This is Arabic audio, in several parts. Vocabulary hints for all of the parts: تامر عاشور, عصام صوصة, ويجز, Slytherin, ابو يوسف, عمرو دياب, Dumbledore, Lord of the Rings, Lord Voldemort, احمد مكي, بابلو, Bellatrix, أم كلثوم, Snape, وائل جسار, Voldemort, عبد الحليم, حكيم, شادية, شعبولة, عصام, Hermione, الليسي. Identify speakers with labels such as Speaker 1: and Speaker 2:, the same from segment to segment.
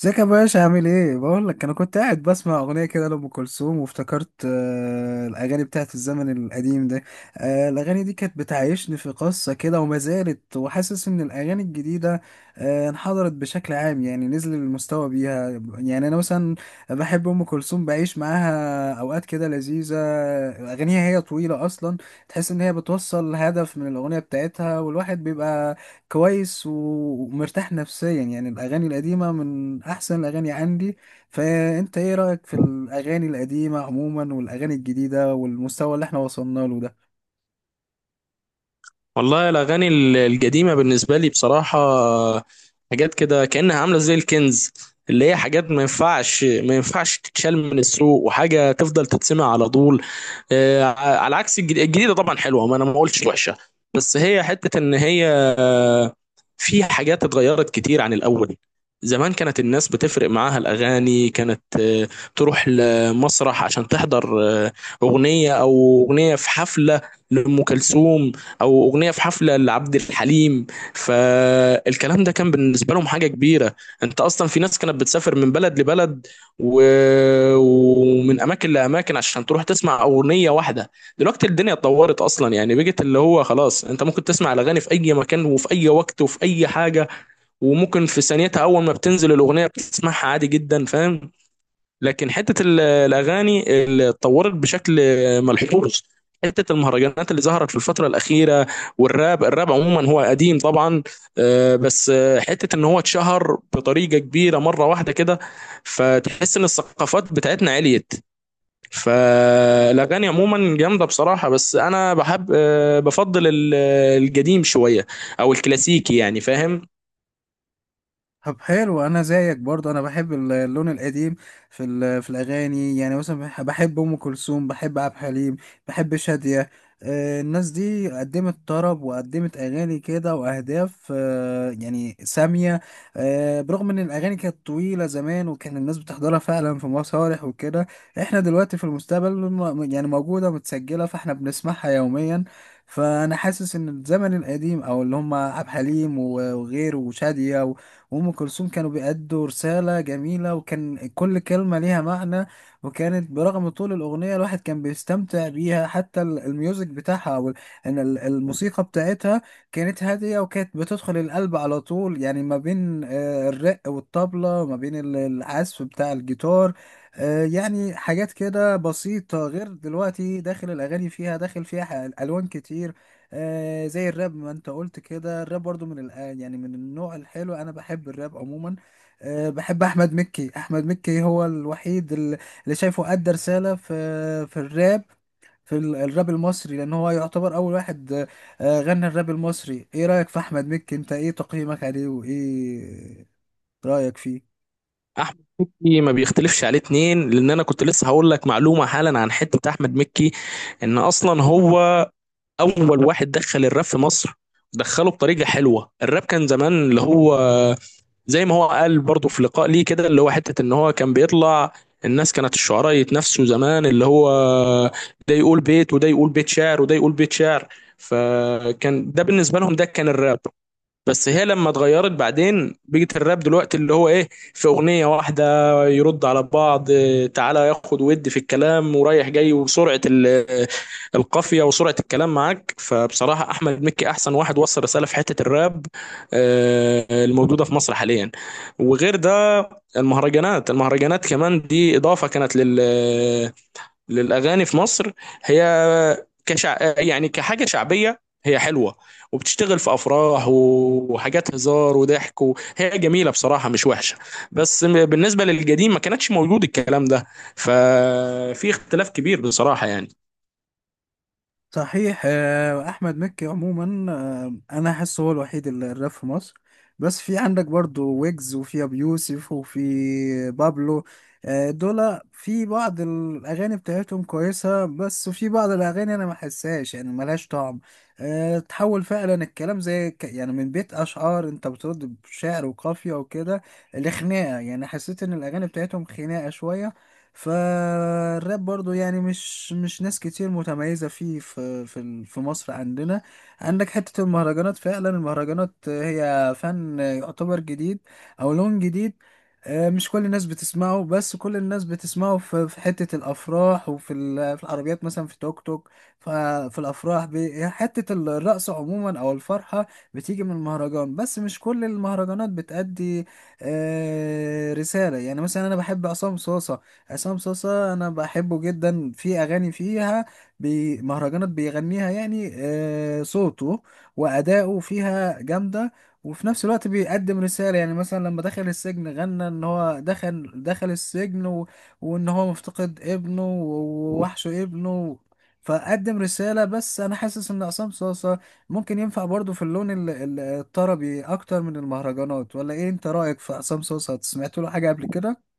Speaker 1: ازيك يا باشا، عامل ايه؟ بقول لك انا كنت قاعد بسمع اغنيه كده لام كلثوم، وافتكرت الاغاني بتاعت الزمن القديم ده. الاغاني دي كانت بتعيشني في قصه كده وما زالت، وحاسس ان الاغاني الجديده انحدرت بشكل عام، يعني نزل المستوى بيها. يعني انا مثلا بحب ام كلثوم، بعيش معاها اوقات كده لذيذه. اغانيها هي طويله اصلا، تحس ان هي بتوصل هدف من الاغنيه بتاعتها، والواحد بيبقى كويس ومرتاح نفسيا. يعني الأغاني القديمة من أحسن الأغاني عندي. فأنت إيه رأيك في الأغاني القديمة عموما والأغاني الجديدة والمستوى اللي احنا وصلنا له ده؟
Speaker 2: والله الأغاني القديمة بالنسبة لي بصراحة، حاجات كده كأنها عاملة زي الكنز، اللي هي حاجات ما ينفعش ما ينفعش تتشال من السوق وحاجة تفضل تتسمع على طول. آه، على عكس الجديدة طبعا حلوة، ما أنا ما قلتش وحشة، بس هي حتة إن هي في حاجات اتغيرت كتير عن الأول. زمان كانت الناس بتفرق معاها الأغاني، كانت تروح لمسرح عشان تحضر أغنية، أو أغنية في حفلة لأم كلثوم، أو أغنية في حفلة لعبد الحليم. فالكلام ده كان بالنسبة لهم حاجة كبيرة. أنت أصلا في ناس كانت بتسافر من بلد لبلد و... ومن أماكن لأماكن عشان تروح تسمع أغنية واحدة. دلوقتي الدنيا اتطورت اصلا، يعني بقت اللي هو خلاص انت ممكن تسمع الاغاني في اي مكان وفي اي وقت وفي اي حاجه، وممكن في ثانيتها اول ما بتنزل الاغنيه بتسمعها عادي جدا، فاهم؟ لكن حته الاغاني اللي اتطورت بشكل ملحوظ، حته المهرجانات اللي ظهرت في الفتره الاخيره، والراب. الراب عموما هو قديم طبعا، آه، بس آه، حته ان هو اتشهر بطريقه كبيره مره واحده كده. فتحس ان الثقافات بتاعتنا عليت، فالاغاني عموما جامده بصراحه. بس انا بحب، بفضل القديم شويه، او الكلاسيكي يعني، فاهم؟
Speaker 1: طب حلو، انا زيك برضه، انا بحب اللون القديم في في الاغاني. يعني مثلا بحب ام كلثوم، بحب عبد الحليم، بحب شادية. الناس دي قدمت طرب، وقدمت اغاني كده واهداف يعني سامية. برغم ان الاغاني كانت طويلة زمان، وكان الناس بتحضرها فعلا في مسارح وكده، احنا دلوقتي في المستقبل يعني موجودة متسجلة، فاحنا بنسمعها يوميا. فانا حاسس ان الزمن القديم، او اللي هم عبد الحليم وغيره وشادية وأم كلثوم، كانوا بيأدوا رسالة جميلة، وكان كل كلمة ليها معنى. وكانت برغم طول الأغنية الواحد كان بيستمتع بيها، حتى الميوزك بتاعها، أو إن الموسيقى بتاعتها كانت هادية، وكانت بتدخل القلب على طول. يعني ما بين الرق والطبلة، ما بين العزف بتاع الجيتار. يعني حاجات كده بسيطة، غير دلوقتي داخل الأغاني فيها، داخل فيها ألوان كتير. زي الراب، ما انت قلت كده، الراب برضو من يعني من النوع الحلو، انا بحب الراب عموما. بحب احمد مكي. احمد مكي هو الوحيد اللي شايفه ادى رسالة في الراب، في الراب المصري، لان هو يعتبر اول واحد غنى الراب المصري. ايه رأيك في احمد مكي؟ انت ايه تقييمك عليه، وايه رأيك فيه؟
Speaker 2: احمد مكي ما بيختلفش عليه اتنين، لان انا كنت لسه هقول لك معلومه حالا عن حته احمد مكي. ان اصلا هو اول واحد دخل الراب في مصر، دخله بطريقه حلوه. الراب كان زمان اللي هو، زي ما هو قال برضه في لقاء ليه كده، اللي هو حته ان هو كان بيطلع. الناس كانت الشعراء يتنافسوا زمان، اللي هو ده يقول بيت، وده يقول بيت شعر، وده يقول بيت شعر، فكان ده بالنسبه لهم، ده كان الراب. بس هي لما اتغيرت بعدين بقت الراب دلوقتي اللي هو ايه، في اغنيه واحده يرد على بعض، آه، تعالى ياخد ود في الكلام ورايح جاي وسرعه القافيه وسرعه الكلام معاك. فبصراحه احمد مكي احسن واحد وصل رساله في حته الراب، آه، الموجوده في مصر حاليا. وغير ده، المهرجانات كمان دي اضافه كانت للاغاني في مصر. هي كشع... يعني كحاجه شعبيه، هي حلوه وبتشتغل في افراح وحاجات هزار وضحك، وهي جميله بصراحه، مش وحشه. بس بالنسبه للقديم ما كانتش موجود الكلام ده، ففي اختلاف كبير بصراحه يعني.
Speaker 1: صحيح. احمد مكي عموما، انا احس هو الوحيد اللي الراب في مصر. بس في عندك برضو ويجز، وفي ابو يوسف، وفي بابلو. دول في بعض الاغاني بتاعتهم كويسه، بس في بعض الاغاني انا ما احسهاش، يعني ملهاش طعم. تحول فعلا الكلام، زي يعني من بيت اشعار، انت بترد بشعر وقافيه وكده، لخناقه. يعني حسيت ان الاغاني بتاعتهم خناقه شويه. فالراب برضو يعني مش ناس كتير متميزة فيه، في مصر عندنا. عندك حتة المهرجانات. فعلا المهرجانات هي فن يعتبر جديد، أو لون جديد. مش كل الناس بتسمعه، بس كل الناس بتسمعه في حتة الأفراح، وفي ال- في العربيات، مثلا في توك توك. ففي الأفراح حتة الرقص عموما، أو الفرحة بتيجي من المهرجان. بس مش كل المهرجانات بتأدي رسالة. يعني مثلا أنا بحب عصام صوصة، عصام صاصا، انا بحبه جدا. في اغاني فيها بي مهرجانات بيغنيها، يعني صوته واداؤه فيها جامده، وفي نفس الوقت بيقدم رساله. يعني مثلا لما دخل السجن، غنى ان هو دخل السجن، وان هو مفتقد ابنه، ووحشه ابنه، فقدم رسالة. بس أنا حاسس إن عصام صاصا ممكن ينفع برضو في اللون الطربي أكتر من المهرجانات. ولا إيه أنت رأيك في عصام صاصا؟ سمعت له حاجة قبل كده؟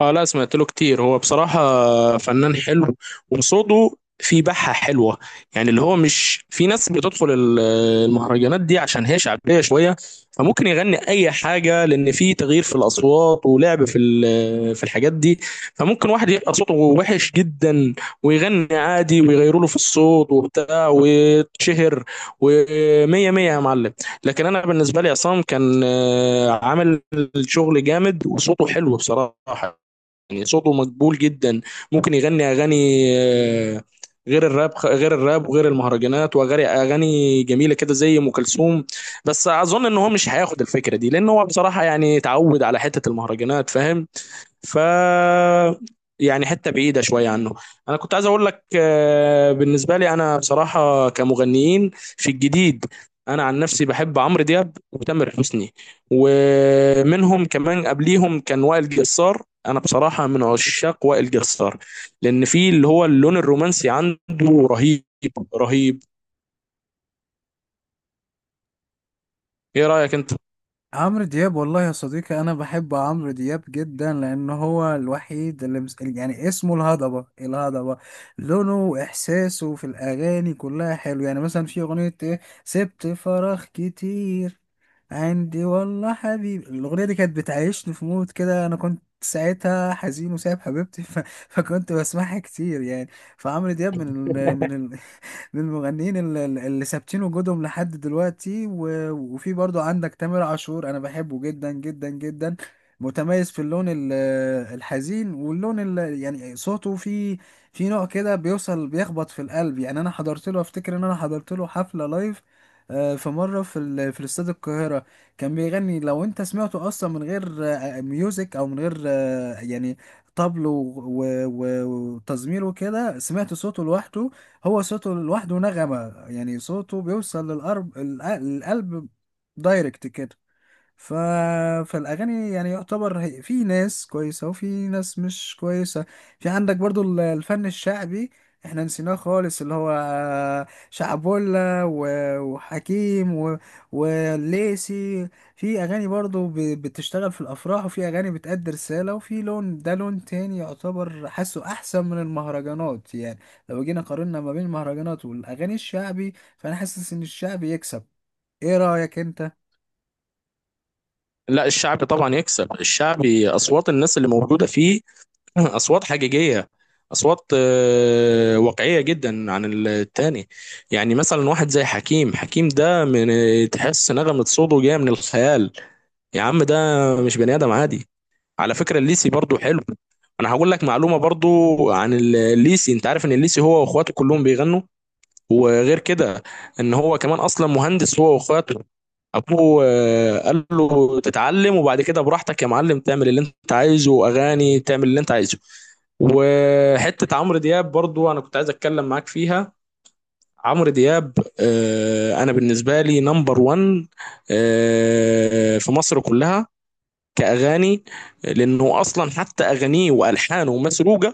Speaker 2: اه لا، سمعت له كتير، هو بصراحة فنان حلو وصوته في بحة حلوة. يعني اللي هو مش في ناس بتدخل المهرجانات دي عشان هي شعبية شوية، فممكن يغني أي حاجة، لأن في تغيير في الأصوات ولعب في في الحاجات دي. فممكن واحد يبقى صوته وحش جدا ويغني عادي ويغيروا له في الصوت وبتاع ويتشهر ومية مية يا معلم. لكن أنا بالنسبة لي عصام كان آه، عامل شغل جامد وصوته حلو بصراحة، يعني صوته مقبول جدا. ممكن يغني اغاني، آه، غير الراب، غير الراب وغير المهرجانات، واغاني، اغاني جميله كده زي ام كلثوم. بس اظن ان هو مش هياخد الفكره دي، لان هو بصراحه يعني اتعود على حته المهرجانات، فاهم؟ ف يعني حته بعيده شويه عنه. انا كنت عايز اقول لك آه، بالنسبه لي انا بصراحه كمغنيين في الجديد، انا عن نفسي بحب عمرو دياب وتامر حسني، ومنهم كمان قبليهم كان وائل جسار. انا بصراحه من عشاق وائل جسار، لان في اللي هو اللون الرومانسي عنده رهيب، رهيب. ايه رايك انت؟
Speaker 1: عمرو دياب، والله يا صديقي، انا بحب عمرو دياب جدا، لان هو الوحيد اللي يعني اسمه الهضبه. الهضبه لونه واحساسه في الاغاني كلها حلو. يعني مثلا في اغنيه ايه سبت فراغ كتير عندي، والله حبيبي. الاغنيه دي كانت بتعيشني في مود كده، انا كنت ساعتها حزين وسايب حبيبتي فكنت بسمعها كتير يعني. فعمرو دياب من من المغنيين اللي ثابتين وجودهم لحد دلوقتي. وفي برضو عندك تامر عاشور، انا بحبه جدا جدا جدا. متميز في اللون الحزين، واللون يعني صوته في نوع كده بيوصل، بيخبط في القلب. يعني انا حضرت له، افتكر ان انا حضرت له حفلة لايف في مرة في في استاد القاهرة. كان بيغني، لو انت سمعته اصلا من غير ميوزك، او من غير يعني طبل و- و- وتزمير وكده، سمعت صوته لوحده. هو صوته لوحده نغمة، يعني صوته بيوصل للقرب القلب، دايركت كده. ف... فالاغاني يعني يعتبر، في ناس كويسه وفي ناس مش كويسه. في عندك برضو الفن الشعبي، احنا نسيناه خالص، اللي هو شعبولة وحكيم والليسي. في اغاني برضو بتشتغل في الافراح، وفي اغاني بتأدي رسالة، وفي لون. ده لون تاني يعتبر، حاسه احسن من المهرجانات. يعني لو جينا قارنا ما بين المهرجانات والاغاني الشعبي، فانا حاسس ان الشعبي يكسب. ايه رأيك انت؟
Speaker 2: لا، الشعبي طبعا يكسب. الشعبي اصوات الناس اللي موجوده فيه، اصوات حقيقيه، اصوات آه، واقعيه جدا عن التاني. يعني مثلا واحد زي حكيم، حكيم ده من، تحس نغمه صوته جايه من الخيال. يا عم ده مش بني ادم عادي. على فكره الليسي برضو حلو، انا هقول لك معلومه برضو عن الليسي. انت عارف ان الليسي هو واخواته كلهم بيغنوا؟ وغير كده، ان هو كمان اصلا مهندس هو واخواته. ابوه آه، قال له تتعلم وبعد كده براحتك يا معلم، تعمل اللي انت عايزه، واغاني تعمل اللي انت عايزه. وحته عمرو دياب برضو انا كنت عايز اتكلم معاك فيها. عمرو دياب آه، انا بالنسبه لي نمبر 1 في مصر كلها كاغاني، لانه اصلا حتى اغانيه والحانه مسروقه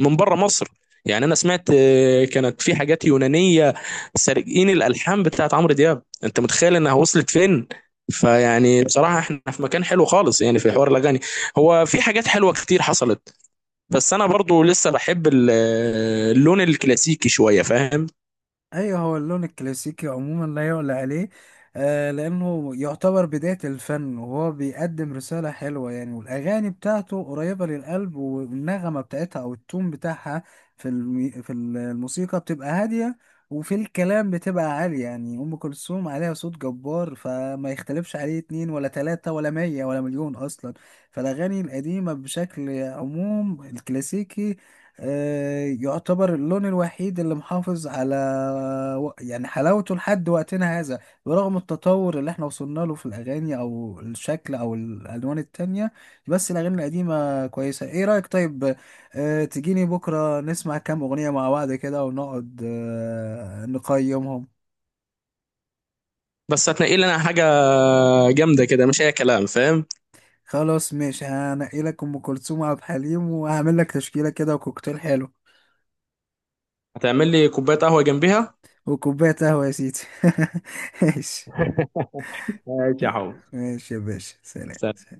Speaker 2: من بره مصر. يعني انا سمعت آه، كانت في حاجات يونانيه سارقين الالحان بتاعت عمرو دياب، انت متخيل انها وصلت فين؟ فيعني بصراحه احنا في مكان حلو خالص يعني في حوار الاغاني، هو في حاجات حلوه كتير حصلت. بس انا برضو لسه بحب اللون الكلاسيكي شويه، فاهم؟
Speaker 1: ايوه، هو اللون الكلاسيكي عموما لا يعلى عليه. لانه يعتبر بداية الفن، وهو بيقدم رسالة حلوة يعني، والاغاني بتاعته قريبة للقلب، والنغمة بتاعتها او التون بتاعها في في الموسيقى بتبقى هادية، وفي الكلام بتبقى عالية. يعني ام كلثوم عليها صوت جبار، فما يختلفش عليه اتنين ولا تلاتة ولا مية ولا مليون اصلا. فالاغاني القديمة بشكل عموم الكلاسيكي يعتبر اللون الوحيد اللي محافظ على يعني حلاوته لحد وقتنا هذا، برغم التطور اللي احنا وصلنا له في الأغاني أو الشكل أو الألوان التانية. بس الأغاني القديمة كويسة. ايه رأيك؟ طيب، تجيني بكرة نسمع كام أغنية مع بعض كده، ونقعد نقيمهم.
Speaker 2: بس هتنقي لي انا حاجه جامده كده، مش اي كلام، فاهم؟
Speaker 1: خلاص ماشي، هنقي لك أم كلثوم وعبد الحليم، وهعمل لك تشكيلة كده وكوكتيل حلو،
Speaker 2: هتعمل لي كوبايه قهوه جنبيها؟
Speaker 1: وكوباية قهوة يا سيدي. ماشي،
Speaker 2: ماشي يا حب.
Speaker 1: ماشي يا باشا، سلام.